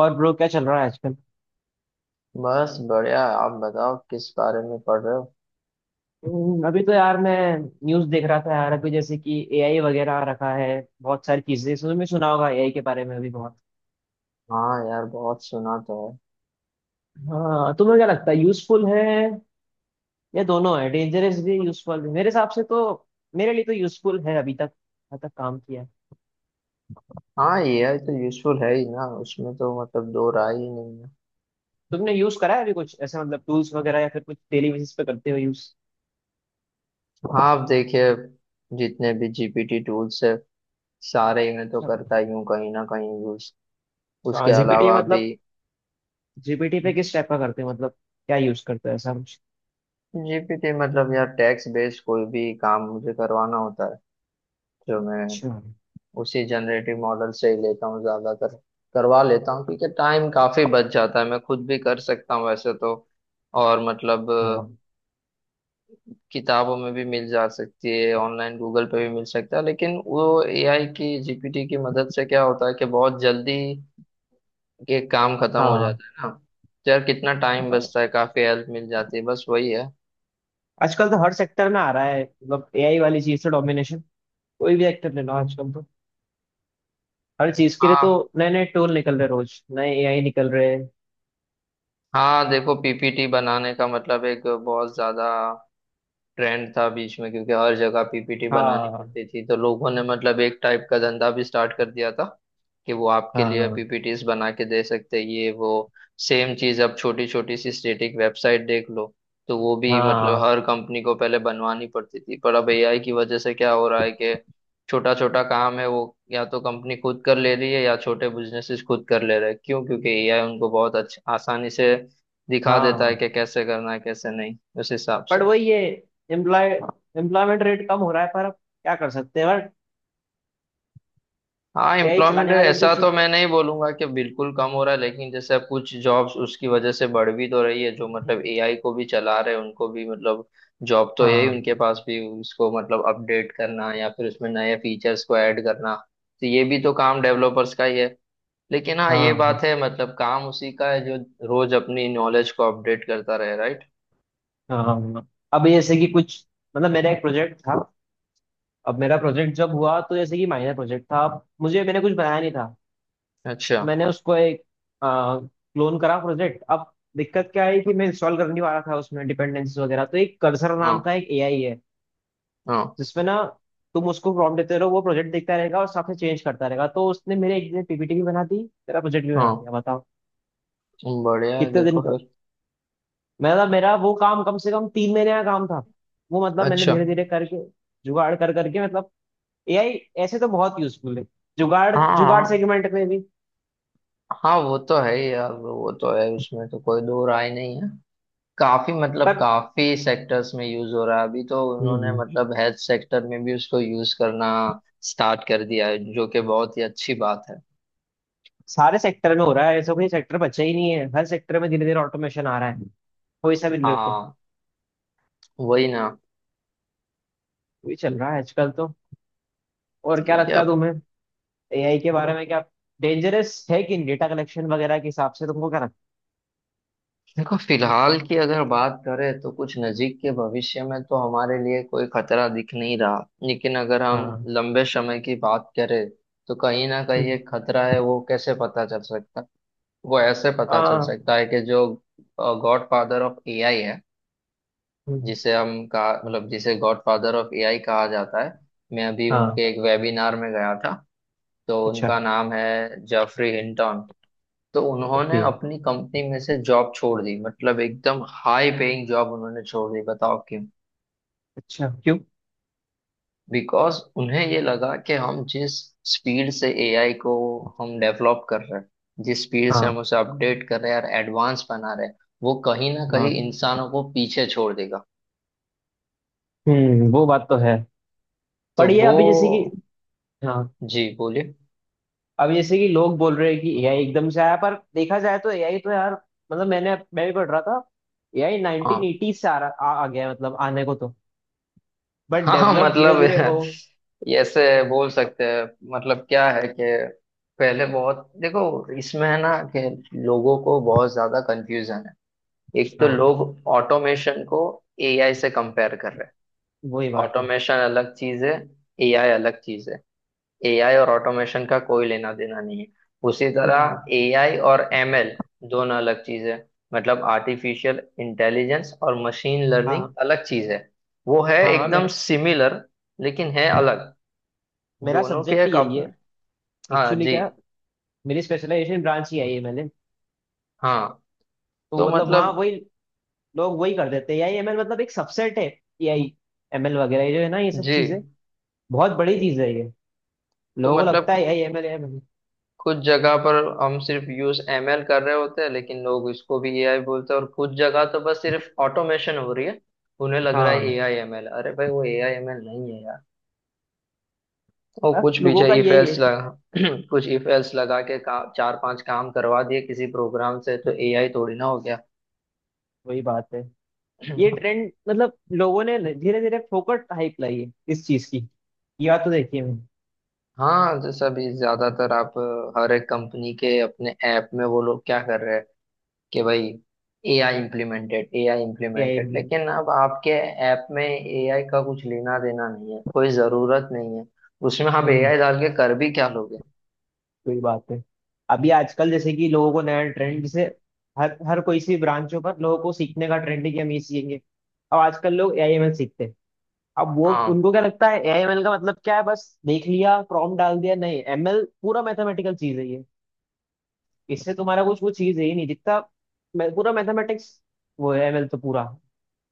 और ब्रो क्या चल रहा है आजकल? बस बढ़िया। आप बताओ, किस बारे में पढ़ रहे हो? अभी तो यार मैं न्यूज़ देख रहा था यार। अभी जैसे कि एआई वगैरह आ रखा है। बहुत सारी चीजें तुमने सुना होगा एआई के बारे में भी बहुत। हाँ यार, बहुत सुना तो है। हाँ, तुम्हें क्या लगता है यूजफुल है या दोनों है, डेंजरस भी यूजफुल भी? मेरे हिसाब से तो मेरे लिए तो यूजफुल है अभी तक। अभी तक काम किया है। हाँ, एआई तो यूजफुल है ही ना, उसमें तो मतलब दो राय ही नहीं है। तुमने यूज करा है अभी कुछ ऐसे मतलब टूल्स वगैरह या फिर कुछ डेली बेसिस पे करते हो यूज? हाँ आप देखिए, जितने भी जीपीटी टूल्स है सारे इन्हें तो करता ही हूँ कहीं ना कहीं यूज। अच्छा, उसके जीपीटी अलावा भी मतलब? जीपीटी पे किस टाइप का करते हो मतलब क्या यूज करते हो ऐसा कुछ? जीपीटी मतलब यार, टैक्स बेस्ड कोई भी काम मुझे करवाना होता है जो मैं अच्छा। उसी जनरेटिव मॉडल से ही लेता हूँ ज्यादातर। करवा लेता हूँ क्योंकि टाइम काफी बच जाता है। मैं खुद भी कर सकता हूँ वैसे तो। और मतलब हाँ। किताबों में भी मिल जा सकती है, ऑनलाइन गूगल पे भी मिल सकता है, लेकिन वो एआई की जीपीटी की मदद से क्या होता है कि बहुत जल्दी ये काम खत्म हो जाता है ना। तो यार, कितना टाइम हाँ, बचता है, काफी हेल्प मिल जाती है। बस वही है। आजकल तो हर सेक्टर में आ रहा है मतलब एआई वाली चीज से डोमिनेशन। कोई भी सेक्टर ले लो आजकल तो। हर चीज के लिए तो हाँ नए नए टूल निकल रहे, रोज नए एआई निकल रहे हैं। हाँ, देखो पीपीटी बनाने का मतलब एक बहुत ज्यादा ट्रेंड था बीच में, क्योंकि हर जगह पीपीटी बनानी हाँ, पड़ती थी। तो लोगों ने मतलब एक टाइप का धंधा भी स्टार्ट कर दिया था कि वो आपके लिए हाँ, पीपीटीज बना के दे सकते हैं, ये वो। सेम चीज अब छोटी छोटी सी स्टेटिक वेबसाइट देख लो, तो वो भी मतलब हाँ, हर कंपनी को पहले बनवानी पड़ती थी, पर अब एआई की वजह से क्या हो रहा है कि छोटा छोटा काम है वो या तो कंपनी खुद कर ले रही है या छोटे बिजनेसेस खुद कर ले रहे हैं। क्यों? क्योंकि एआई उनको बहुत अच्छा आसानी से दिखा देता है हाँ। कि कैसे करना है कैसे नहीं, उस हिसाब से। पर वही है। एम्प्लॉय एम्प्लॉयमेंट रेट कम हो रहा है पर अब क्या कर सकते हैं बट। हाँ, एआई एम्प्लॉयमेंट चलाने वाले भी तो ऐसा तो चाहिए। मैं नहीं बोलूंगा कि बिल्कुल कम हो रहा है, लेकिन जैसे अब कुछ जॉब्स उसकी वजह से बढ़ भी तो रही है, जो मतलब एआई को भी चला रहे हैं उनको भी मतलब जॉब तो यही। हाँ, उनके पास भी उसको मतलब अपडेट करना या फिर उसमें नए फीचर्स को ऐड करना, तो ये भी तो काम डेवलपर्स का ही है। लेकिन हाँ ये हाँ, हाँ, बात है, मतलब काम उसी का है जो रोज अपनी नॉलेज को अपडेट करता रहे, राइट। हाँ, हाँ। अब जैसे कि कुछ मतलब मेरा एक प्रोजेक्ट था। अब मेरा प्रोजेक्ट जब हुआ तो जैसे कि माइनर प्रोजेक्ट था। अब मुझे मैंने कुछ बनाया नहीं था तो अच्छा। मैंने उसको एक क्लोन करा प्रोजेक्ट। अब दिक्कत क्या है कि मैं इंस्टॉल कर नहीं पा रहा था उसमें डिपेंडेंसीज वगैरह। तो एक कर्सर नाम हाँ का एक एआई है हाँ। जिसमें ना तुम उसको प्रॉम्प्ट देते रहो, वो प्रोजेक्ट देखता रहेगा और साथ में चेंज करता रहेगा। तो उसने मेरे एक दिन पीपीटी भी बना दी, तेरा प्रोजेक्ट भी बना हाँ दिया, बताओ बढ़िया है, कितने दिन देखो का। फिर। मेरा मेरा वो काम कम से कम 3 महीने का काम था। वो मतलब मैंने अच्छा। धीरे धीरे करके जुगाड़ कर करके मतलब एआई ऐसे तो बहुत यूजफुल है, जुगाड़ हाँ जुगाड़ हाँ। सेगमेंट में भी। हाँ वो तो है ही यार, वो तो है, उसमें तो कोई दो राय नहीं है। काफी मतलब काफी सेक्टर्स में यूज हो रहा है। अभी तो उन्होंने पर मतलब हेल्थ सेक्टर में भी उसको यूज करना स्टार्ट कर दिया है, जो कि बहुत ही अच्छी बात है। सारे सेक्टर में हो रहा है, ऐसा कोई सेक्टर बचा ही नहीं है। हर सेक्टर में धीरे धीरे ऑटोमेशन आ रहा है, कोई सा भी ले तो। हाँ वही ना। वही चल रहा है आजकल तो। और क्या ठीक है लगता है अब, तुम्हें एआई के बारे में, क्या डेंजरस है कि डेटा कलेक्शन वगैरह के हिसाब से? तुमको क्या लगता देखो फिलहाल की अगर बात करें तो कुछ नजीक के भविष्य में तो हमारे लिए कोई खतरा दिख नहीं रहा, लेकिन अगर है? हम हाँ। लंबे समय की बात करें तो कहीं ना कहीं हम्म। एक खतरा है। वो कैसे पता चल सकता है? वो ऐसे पता चल हाँ। सकता है कि जो गॉड फादर ऑफ एआई है, हम्म। जिसे हम कहा मतलब जिसे गॉड फादर ऑफ एआई कहा जाता है, मैं अभी हाँ। उनके एक वेबिनार में गया था। तो अच्छा। उनका नाम है जेफरी हिंटन। तो उन्होंने ओके। अपनी कंपनी में से जॉब छोड़ दी, मतलब एकदम हाई पेइंग जॉब उन्होंने छोड़ दी। बताओ क्यों? अच्छा, क्यों? बिकॉज उन्हें ये लगा कि हम जिस स्पीड से एआई को हम डेवलप कर रहे हैं, जिस स्पीड से हम हाँ। उसे अपडेट कर रहे हैं और एडवांस बना रहे हैं, वो कहीं ना हाँ। कहीं इंसानों को पीछे छोड़ देगा। वो बात तो है। तो पर ये वो। अभी जैसे कि हाँ, जी बोलिए। अभी जैसे कि लोग बोल रहे हैं कि एआई एकदम से आया, पर देखा जाए तो एआई तो यार मतलब मैं भी पढ़ रहा था एआई हाँ 1980 से आ गया है, मतलब आने को तो, बट हाँ, हाँ डेवलप धीरे मतलब धीरे हो। ऐसे बोल सकते हैं। मतलब क्या है कि पहले बहुत देखो, इसमें है ना कि लोगों को बहुत ज्यादा कंफ्यूजन है। एक तो हाँ, लोग ऑटोमेशन को एआई से कंपेयर कर रहे हैं। वही बात है। ऑटोमेशन अलग चीज है, एआई अलग चीज है। एआई और ऑटोमेशन का कोई लेना देना नहीं है। उसी हम्म, तरह एआई और एमएल दोनों अलग चीज है। मतलब आर्टिफिशियल इंटेलिजेंस और मशीन लर्निंग हाँ, अलग चीज है। वो है हाँ हाँ एकदम मेरा सिमिलर, लेकिन है अलग। मेरा दोनों के सब्जेक्ट ही एक यही अपने। है हाँ एक्चुअली, जी। क्या मेरी स्पेशलाइजेशन ब्रांच ही आई है मैंने। हाँ तो तो मतलब वहाँ मतलब। वही लोग, वही कर देते हैं एआई एमएल मतलब एक सबसेट है। एआई, एमएल वगैरह ये जो है ना ये सब जी चीजें बहुत बड़ी चीज है ये। तो लोगों को लगता मतलब है एआई एमएल एमएल। कुछ जगह पर हम सिर्फ यूज एमएल कर रहे होते हैं, लेकिन लोग इसको भी एआई बोलते हैं, और कुछ जगह तो बस सिर्फ ऑटोमेशन हो रही है। उन्हें लग रहा है हाँ, एआई एमएल, अरे भाई वो एआई एमएल नहीं है यार। वो अब कुछ लोगों पीछे का इफ यही है, एल्स लगा कुछ इफ एल्स लगा के का, चार पांच काम करवा दिए किसी प्रोग्राम से, तो एआई थोड़ी ना हो गया। वही बात है। ये ट्रेंड मतलब लोगों ने धीरे धीरे फोकट हाइप लाई है इस चीज की, या तो देखिए हाँ, जैसा भी ज्यादातर आप हर एक कंपनी के अपने ऐप में वो लोग क्या कर रहे हैं कि भाई AI implemented AI AI. Implemented, लेकिन अब आपके ऐप में एआई का कुछ लेना देना नहीं है, कोई ज़रूरत नहीं है। उसमें आप हम्म। एआई डाल के कर भी क्या लोगे? कोई बात है। अभी आजकल जैसे कि लोगों को नया ट्रेंड, हम्म। जैसे हर हर कोई सी ब्रांचों पर लोगों को सीखने का ट्रेंड है कि हम ये सीखेंगे। अब आजकल लोग एआई एमएल सीखते हैं। अब वो हाँ उनको क्या लगता है एआई एमएल का मतलब क्या है? बस देख लिया प्रॉम्प्ट डाल दिया? नहीं, एमएल पूरा मैथमेटिकल चीज है ये। इससे तुम्हारा कुछ कुछ चीज है ही नहीं जितना पूरा मैथमेटिक्स वो है एमएल, तो पूरा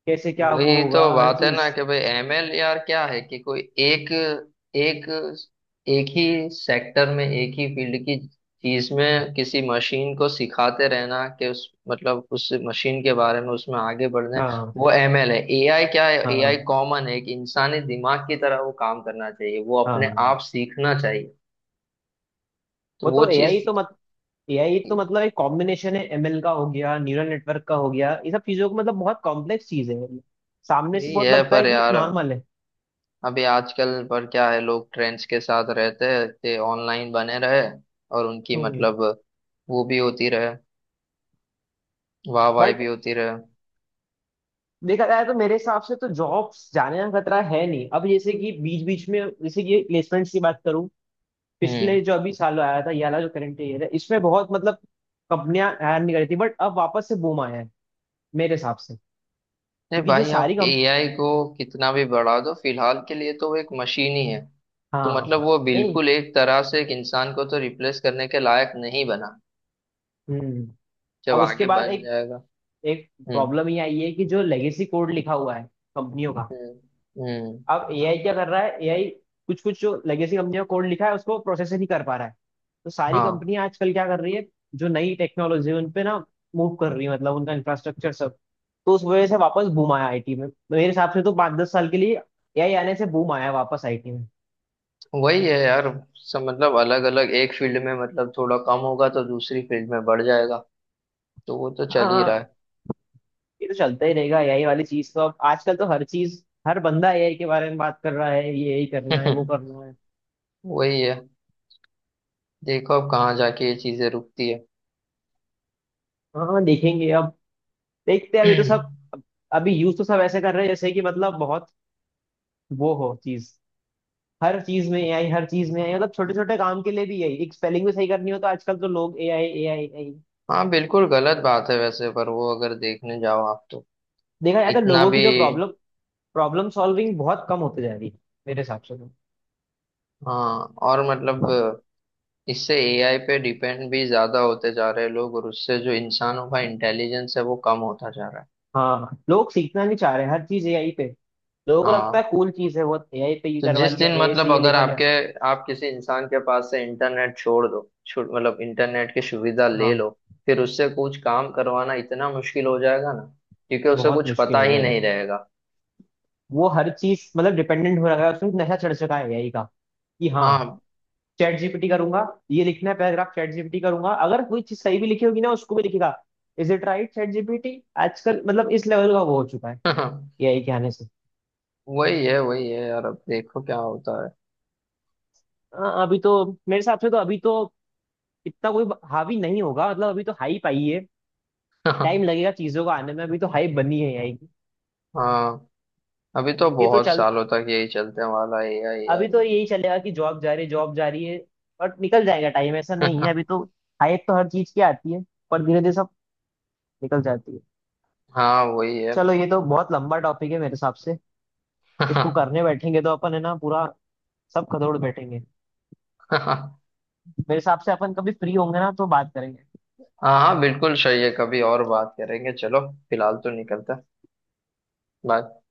कैसे क्या वो वही तो होगा हर बात है चीज। ना कि भाई एमएल यार क्या है कि कोई एक एक एक ही सेक्टर में एक ही फील्ड की चीज में किसी मशीन को सिखाते रहना कि उस मतलब उस मशीन के बारे में उसमें आगे बढ़ना है, हाँ, वो एमएल है। एआई क्या है? एआई हाँ, कॉमन है कि इंसानी दिमाग की तरह वो काम करना चाहिए, वो अपने हाँ। आप सीखना चाहिए। तो वो वो तो एआई चीज। तो एआई तो मतलब एक कॉम्बिनेशन है, एमएल का हो गया, न्यूरल नेटवर्क का हो गया, ये सब चीजों को मतलब बहुत कॉम्प्लेक्स चीज है मतलब सामने से यही बहुत है लगता पर है कि यार नॉर्मल है। अभी आजकल पर क्या है, लोग ट्रेंड्स के साथ रहते हैं, ते ऑनलाइन बने रहे, और उनकी हम्म। मतलब वो भी होती रहे, वाह वाह भी बट होती रहे। देखा जाए तो मेरे हिसाब से तो जॉब्स जाने का खतरा है नहीं, अब जैसे कि बीच बीच में जैसे कि प्लेसमेंट्स की बात करूं, पिछले हम्म। जो अभी साल आया था, ये वाला जो करंट ईयर है, इसमें बहुत मतलब कंपनियां हायर नहीं कर रही थी बट अब वापस से बूम आया है मेरे हिसाब से। नहीं क्योंकि जो भाई, सारी आप कंप। एआई को कितना भी बढ़ा दो, फिलहाल के लिए तो वो एक मशीन ही है। तो हाँ। मतलब वो नहीं। बिल्कुल एक तरह से एक इंसान को तो रिप्लेस करने के लायक नहीं बना। हम्म। जब अब उसके आगे बाद बन एक जाएगा। एक हम्म। प्रॉब्लम ये आई है कि जो लेगेसी कोड लिखा हुआ है कंपनियों का। हम्म। हम्म। अब एआई क्या कर रहा है, एआई कुछ कुछ जो लेगेसी कंपनियों का कोड लिखा है उसको प्रोसेस ही नहीं कर पा रहा है। तो सारी हाँ कंपनियां आजकल क्या कर रही है, जो नई टेक्नोलॉजी है उन पे ना मूव कर रही है, मतलब उनका इंफ्रास्ट्रक्चर सब। तो उस वजह से वापस बूम आया आईटी में मेरे हिसाब से तो 5-10 साल के लिए, एआई आने से बूम आया वापस आईटी में। वही है यार, सब मतलब अलग अलग एक फील्ड में मतलब थोड़ा कम होगा तो दूसरी फील्ड में बढ़ जाएगा। तो वो तो चल ही रहा हाँ, ये तो चलता ही रहेगा एआई वाली चीज तो। अब आजकल तो हर चीज, हर बंदा एआई के बारे में बात कर रहा है, ये यही करना है। है वो करना है। वही है। देखो अब कहाँ जाके ये चीजें रुकती है। हाँ, देखेंगे अब, देखते हैं। अभी तो सब अभी यूज तो सब ऐसे कर रहे हैं जैसे कि मतलब बहुत वो हो चीज, हर चीज में एआई, हर चीज में एआई मतलब छोटे छोटे काम के लिए भी यही, एक स्पेलिंग भी सही करनी हो तो आजकल तो लोग एआई एआई एआई। हाँ बिल्कुल गलत बात है वैसे, पर वो अगर देखने जाओ आप तो देखा जाए तो इतना लोगों भी। की जो प्रॉब्लम प्रॉब्लम सॉल्विंग बहुत कम होती जा रही है मेरे हिसाब से तो। हाँ और मतलब इससे एआई पे डिपेंड भी ज्यादा होते जा रहे हैं लोग, और उससे जो इंसानों का इंटेलिजेंस है वो कम होता जा रहा है। हाँ, लोग सीखना नहीं चाह रहे हैं, हर चीज एआई पे, लोगों को लगता हाँ, है कूल चीज है बहुत, एआई पे ये तो करवा जिस लिया, दिन एआई से मतलब ये अगर लिखवा लिया। आपके आप किसी इंसान के पास से इंटरनेट छोड़ दो, मतलब इंटरनेट की सुविधा ले हाँ, लो, फिर उससे कुछ काम करवाना इतना मुश्किल हो जाएगा ना, क्योंकि उसे बहुत कुछ मुश्किल पता हो ही जाएगा। नहीं रहेगा। वो हर चीज मतलब डिपेंडेंट हो रहा है, उसमें नशा चढ़ चुका है एआई का कि हाँ हाँ। चैट जीपीटी करूंगा, ये लिखना है पैराग्राफ चैट जीपीटी करूंगा, अगर कोई चीज सही भी लिखी होगी ना उसको भी लिखेगा is it right chat GPT. आजकल मतलब इस लेवल का वो हो चुका है एआई के आने से। वही है, वही है यार। अब देखो क्या होता है। हाँ, अभी तो मेरे हिसाब से तो अभी तो इतना कोई हावी नहीं होगा, मतलब अभी तो हाइप आई है। टाइम लगेगा चीजों को आने में, अभी तो हाइप बनी है एआई की। हाँ, अभी तो ये तो बहुत चल, सालों तक यही चलते वाला है, यही अभी तो यही। यही चलेगा कि जॉब जा रही है, जॉब जा रही है बट निकल जाएगा टाइम, ऐसा नहीं है अभी तो। हाइप तो हर चीज की आती है पर धीरे धीरे सब निकल जाती है। हाँ वही है। चलो, ये तो बहुत लंबा टॉपिक है मेरे हिसाब से, इसको करने बैठेंगे तो अपन है ना पूरा सब खदोड़ बैठेंगे। हाँ मेरे हिसाब से अपन कभी फ्री होंगे ना तो बात करेंगे। हाँ, बिल्कुल सही है। कभी और बात करेंगे, चलो फिलहाल तो निकलते हैं। बाय।